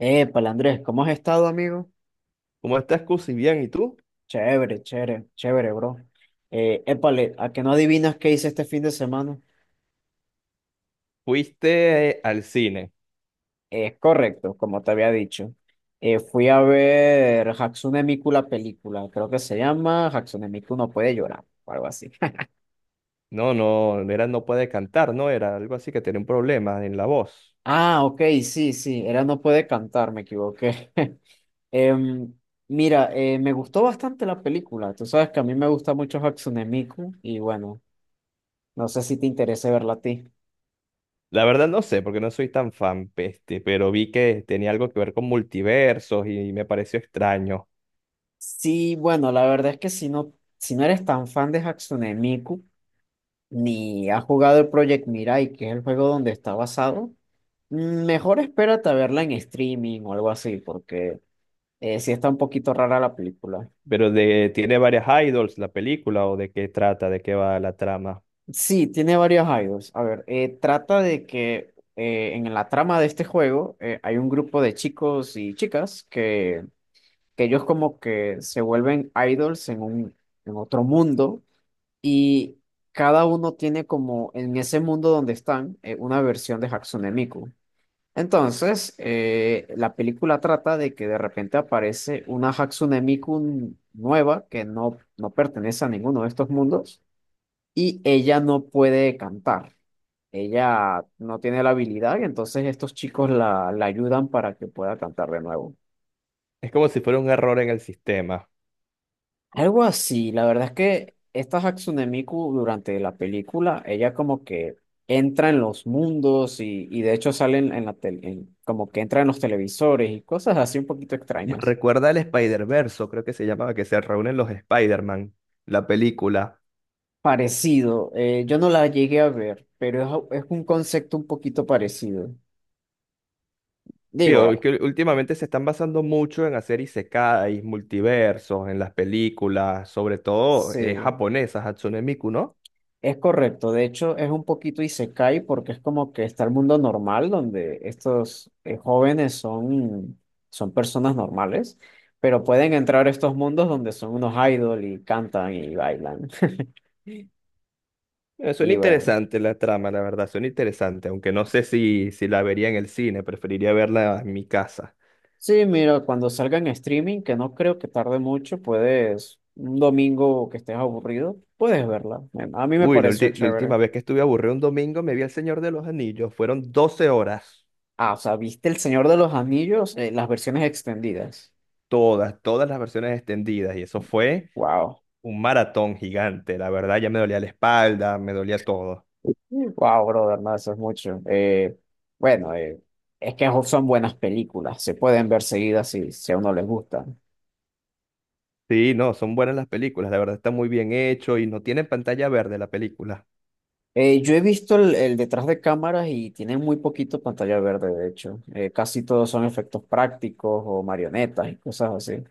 Épale, Andrés, ¿cómo has estado, amigo? ¿Cómo estás, Cusi? Bien, ¿y tú? Chévere, chévere, chévere, bro. Épale, ¿a que no adivinas qué hice este fin de semana? Fuiste al cine. Es correcto, como te había dicho. Fui a ver Hatsune Miku la película, creo que se llama Hatsune Miku no puede llorar, o algo así. No, no, era no puede cantar, ¿no? Era algo así que tenía un problema en la voz. Ah, ok, sí, sí, era no puede cantar, me equivoqué. Em, mira, me gustó bastante la película, tú sabes que a mí me gusta mucho Hatsune Miku y bueno, no sé si te interesa verla a ti. La verdad no sé, porque no soy tan fan, peste, pero vi que tenía algo que ver con multiversos y me pareció extraño. Sí, bueno, la verdad es que si no eres tan fan de Hatsune Miku, ni has jugado el Project Mirai, que es el juego donde está basado, mejor espérate a verla en streaming o algo así, porque sí está un poquito rara la película. Tiene varias idols la película, o de qué trata, de qué va la trama. Sí, tiene varios idols. A ver, trata de que en la trama de este juego hay un grupo de chicos y chicas que ellos como que se vuelven idols en otro mundo. Y cada uno tiene como en ese mundo donde están, una versión de Hatsune Miku. Entonces, la película trata de que de repente aparece una Hatsune Miku nueva que no, no pertenece a ninguno de estos mundos y ella no puede cantar. Ella no tiene la habilidad y entonces estos chicos la ayudan para que pueda cantar de nuevo. Es como si fuera un error en el sistema. Algo así, la verdad es que esta Hatsune Miku durante la película, ella como que entra en los mundos y de hecho sale en la tele, como que entra en los televisores y cosas así un poquito Me extrañas. recuerda al Spider-Verse, creo que se llamaba, que se reúnen los Spider-Man, la película. Parecido, yo no la llegué a ver, pero es un concepto un poquito parecido. Sí, Digo, ah, que últimamente se están basando mucho en hacer isekais, multiversos, en las películas, sobre todo sí. japonesas, Hatsune Miku, ¿no? Es correcto, de hecho es un poquito isekai porque es como que está el mundo normal donde estos jóvenes son, son personas normales, pero pueden entrar a estos mundos donde son unos idol y cantan y bailan. Suena Y bueno, interesante la trama, la verdad, suena interesante, aunque no sé si la vería en el cine, preferiría verla en mi casa. sí, mira, cuando salga en streaming, que no creo que tarde mucho, puedes, un domingo que estés aburrido, puedes verla. Bueno, a mí me Uy, la, pareció ulti- la chévere. última vez que estuve aburrido un domingo me vi El Señor de los Anillos, fueron 12 horas, Ah, o sea, ¿viste El Señor de los Anillos? Las versiones extendidas. Todas las versiones extendidas, y eso fue Wow. un maratón gigante. La verdad, ya me dolía la espalda, me dolía todo. Wow, brother, no, eso es mucho. Bueno, eh, es que son buenas películas, se pueden ver seguidas si, si a uno les gusta. Sí, no, son buenas las películas, la verdad está muy bien hecho y no tiene pantalla verde la película. Yo he visto el detrás de cámaras y tienen muy poquito pantalla verde, de hecho. Casi todos son efectos prácticos o marionetas y cosas así.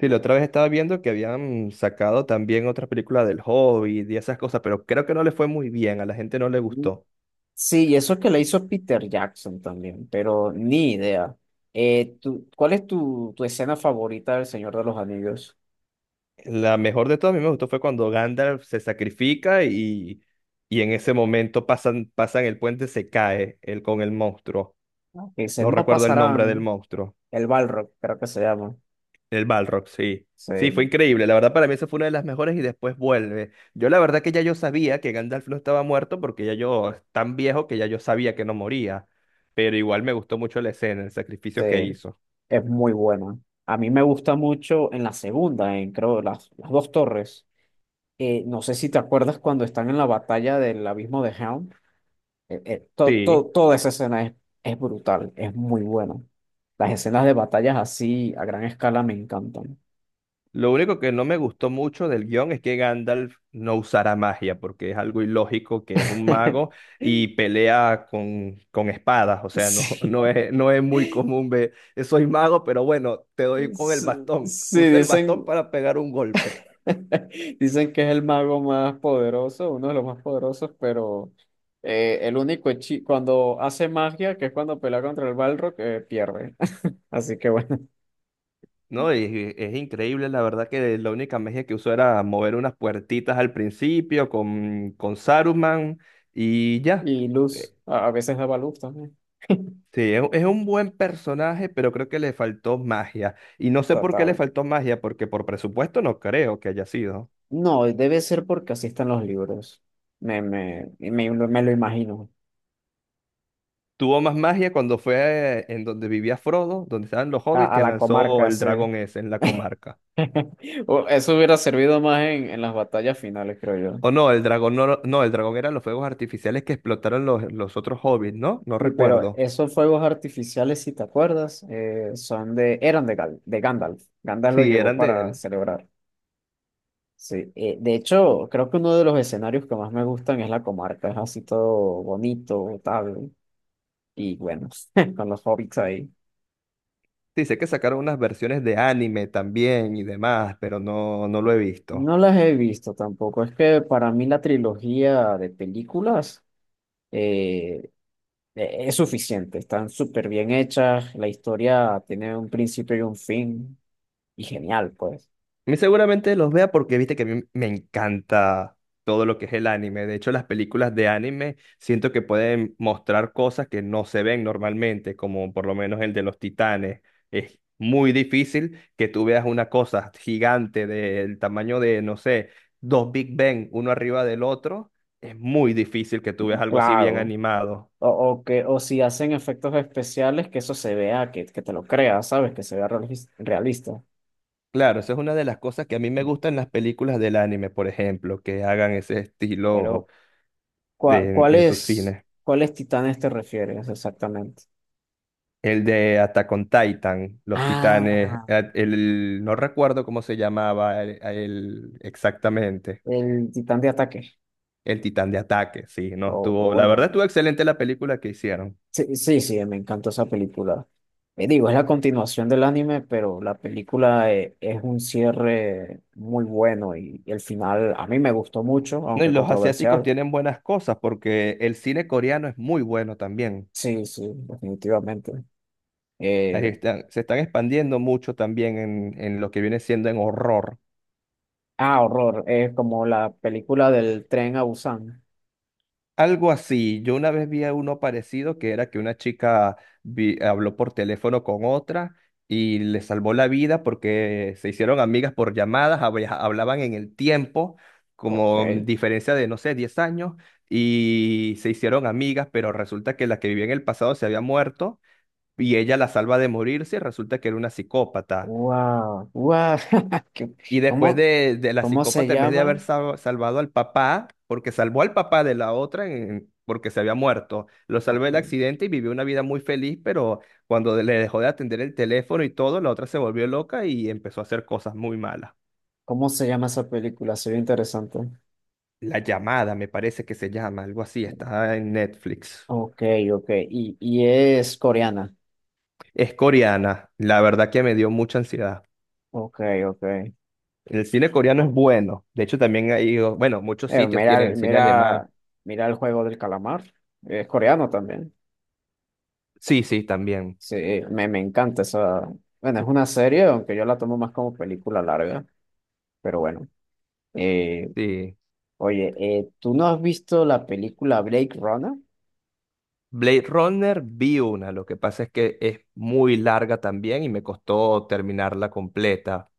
Sí, la otra vez estaba viendo que habían sacado también otra película del Hobbit y esas cosas, pero creo que no le fue muy bien, a la gente no le Mm. gustó. Sí, y eso que le hizo Peter Jackson también, pero ni idea. ¿Cuál es tu escena favorita del Señor de los Anillos? La mejor de todas, a mí me gustó fue cuando Gandalf se sacrifica y en ese momento pasan el puente, se cae él con el monstruo. Que dice, No no recuerdo el nombre del pasarán. monstruo. El Balrog, creo que se llama. El Balrog, sí. Sí, fue Sí. increíble. La verdad, para mí esa fue una de las mejores y después vuelve. Yo la verdad que ya yo sabía que Gandalf no estaba muerto porque ya yo, es tan viejo que ya yo sabía que no moría. Pero igual me gustó mucho la escena, el Sí, sacrificio que hizo. es muy buena. A mí me gusta mucho en la segunda, en creo las dos torres. No sé si te acuerdas cuando están en la batalla del abismo de Helm. Sí. Toda esa escena es brutal, es muy buena. Las escenas de batallas así a gran escala me encantan. Lo único que no me gustó mucho del guión es que Gandalf no usara magia, porque es algo ilógico que es un mago y pelea con espadas. O sea, no, Sí, no es, no es muy común ver, soy mago, pero bueno, te doy con el sí, bastón. sí, Usa el bastón dicen. para pegar un golpe." Dicen que es el mago más poderoso, uno de los más poderosos, pero cuando hace magia, que es cuando pelea contra el Balrog, pierde. Así que bueno. No, y es increíble, la verdad que la única magia que usó era mover unas puertitas al principio con Saruman y ya. Y luz, Eh, a veces daba luz también. Sí, es un buen personaje, pero creo que le faltó magia. Y no sé por qué le Total. faltó magia, porque por presupuesto no creo que haya sido. No, debe ser porque así están los libros. Me lo imagino. Tuvo más magia cuando fue en donde vivía Frodo, donde estaban los hobbits, A que la lanzó comarca, el sí. dragón ese en la comarca. O eso hubiera servido más en las batallas finales, creo. O no, el dragón no, no, el dragón eran los fuegos artificiales que explotaron los otros hobbits, ¿no? No Sí, pero recuerdo. esos fuegos artificiales, si te acuerdas, eran de, de Gandalf. Gandalf lo Sí, llevó eran de para él. celebrar. Sí, de hecho, creo que uno de los escenarios que más me gustan es la comarca. Es así todo bonito, tal. Y bueno, con los hobbits ahí. Sí, sé que sacaron unas versiones de anime también y demás, pero no, no lo he visto. No las he visto tampoco. Es que para mí la trilogía de películas eh, es suficiente. Están súper bien hechas. La historia tiene un principio y un fin. Y genial, pues. A mí seguramente los vea porque viste que a mí me encanta todo lo que es el anime. De hecho, las películas de anime siento que pueden mostrar cosas que no se ven normalmente, como por lo menos el de los titanes. Es muy difícil que tú veas una cosa gigante del tamaño de, no sé, dos Big Bang, uno arriba del otro. Es muy difícil que tú veas algo así bien Claro. animado. O si hacen efectos especiales, que eso se vea, que te lo creas, ¿sabes? Que se vea realista. Claro, esa es una de las cosas que a mí me gustan las películas del anime, por ejemplo, que hagan ese estilo Pero, ¿cuá- en sus ¿cuáles, cines. ¿cuáles titanes te refieres exactamente? El de Attack on Titan, Los Titanes, Ah, no recuerdo cómo se llamaba exactamente, el titán de ataque. el Titán de Ataque, sí, no, O, o estuvo, la verdad bueno, estuvo excelente la película que hicieron. sí, sí, sí, me encantó esa película. Digo, es la continuación del anime, pero la película es un cierre muy bueno y el final a mí me gustó mucho, No, y aunque los asiáticos controversial. tienen buenas cosas porque el cine coreano es muy bueno también. Sí, sí, definitivamente. Eh. Ahí se están expandiendo mucho también en lo que viene siendo en horror. Ah, horror. Es como la película del tren a Busan. Algo así. Yo una vez vi a uno parecido que era que una chica habló por teléfono con otra y le salvó la vida porque se hicieron amigas por llamadas, hablaban en el tiempo, Ok. como diferencia de, no sé, 10 años, y se hicieron amigas, pero resulta que la que vivía en el pasado se había muerto y ella la salva de morirse y resulta que era una psicópata. Wow. Wow. ¿Qué- Y después ¿Cómo, de la cómo se psicópata, en vez de haber llama? Salvado al papá, porque salvó al papá de la otra porque se había muerto, lo salvó Ok. del accidente y vivió una vida muy feliz, pero cuando le dejó de atender el teléfono y todo, la otra se volvió loca y empezó a hacer cosas muy malas. ¿Cómo se llama esa película? Se ve interesante. La llamada, me parece que se llama, algo así, está en Netflix. Ok, ok. Y es coreana. Es coreana, la verdad que me dio mucha ansiedad. Ok, ok. El cine coreano es bueno, de hecho también hay, bueno, muchos Eh, sitios mira, tienen el cine alemán. mira, mira el juego del calamar. Es coreano también. Sí, sí, también. Sí, me encanta esa. Bueno, es una serie, aunque yo la tomo más como película larga, pero bueno. Sí. Oye, ¿tú no has visto la película Blade Runner? Blade Runner vi una, lo que pasa es que es muy larga también y me costó terminarla completa,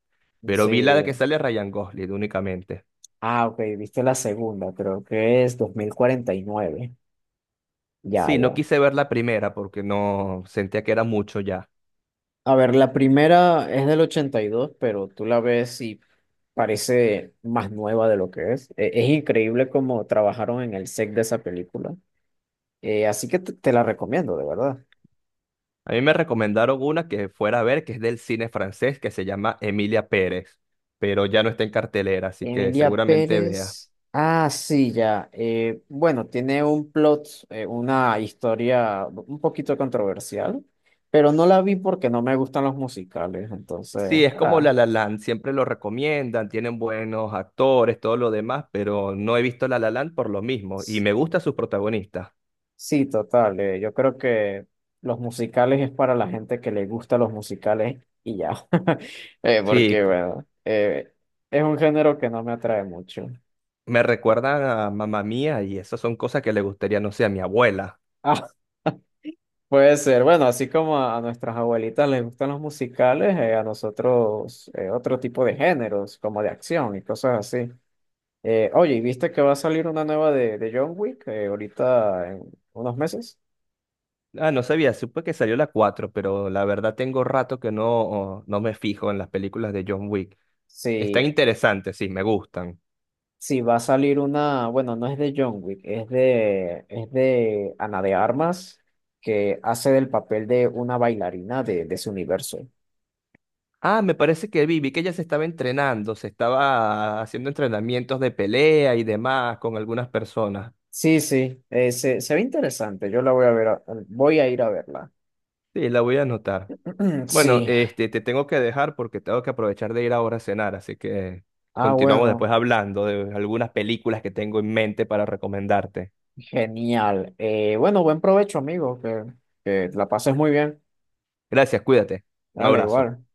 pero Sí. vi la de que sale Ryan Gosling únicamente. Ah, ok, viste la segunda, creo que es 2049. Ya, Sí, no ya. quise ver la primera porque no sentía que era mucho ya. A ver, la primera es del 82, pero tú la ves y parece más nueva de lo que es. Es increíble cómo trabajaron en el set de esa película. Así que te la recomiendo, de verdad. A mí me recomendaron una que fuera a ver, que es del cine francés, que se llama Emilia Pérez, pero ya no está en cartelera, así que Emilia seguramente vea. Pérez. Ah, sí, ya. Bueno, tiene un plot, una historia un poquito controversial, pero no la vi porque no me gustan los musicales. Sí, Entonces, es como ah, La La Land, siempre lo recomiendan, tienen buenos actores, todo lo demás, pero no he visto La La Land por lo mismo y s- me gustan sus protagonistas. sí, total. Yo creo que los musicales es para la gente que le gusta los musicales y ya. Eh, Sí, porque, cu- bueno, eh, es un género que no me atrae mucho. Me recuerdan a Mamá Mía y esas son cosas que le gustaría, no sé, a mi abuela. Puede ser, bueno, así como a nuestras abuelitas les gustan los musicales, a nosotros otro tipo de géneros, como de acción y cosas así. Oye, ¿y viste que va a salir una nueva de John Wick ahorita en unos meses? Ah, no sabía, supe que salió la 4, pero la verdad tengo rato que no me fijo en las películas de John Wick. Sí, Están interesantes, sí, me gustan. sí, va a salir una, bueno, no es de John Wick, es de Ana de Armas, que hace del papel de una bailarina de su universo. Ah, me parece que vi que ella se estaba entrenando, se estaba haciendo entrenamientos de pelea y demás con algunas personas. Sí, sí, se ve interesante, yo la voy a ver, voy a ir a verla. Sí, la voy a anotar. Bueno, Sí. este, te tengo que dejar porque tengo que aprovechar de ir ahora a cenar, así que Ah, continuamos bueno, después hablando de algunas películas que tengo en mente para recomendarte. genial. Bueno, buen provecho, amigo, que la pases muy bien. Gracias, cuídate. Un Dale, abrazo. igual.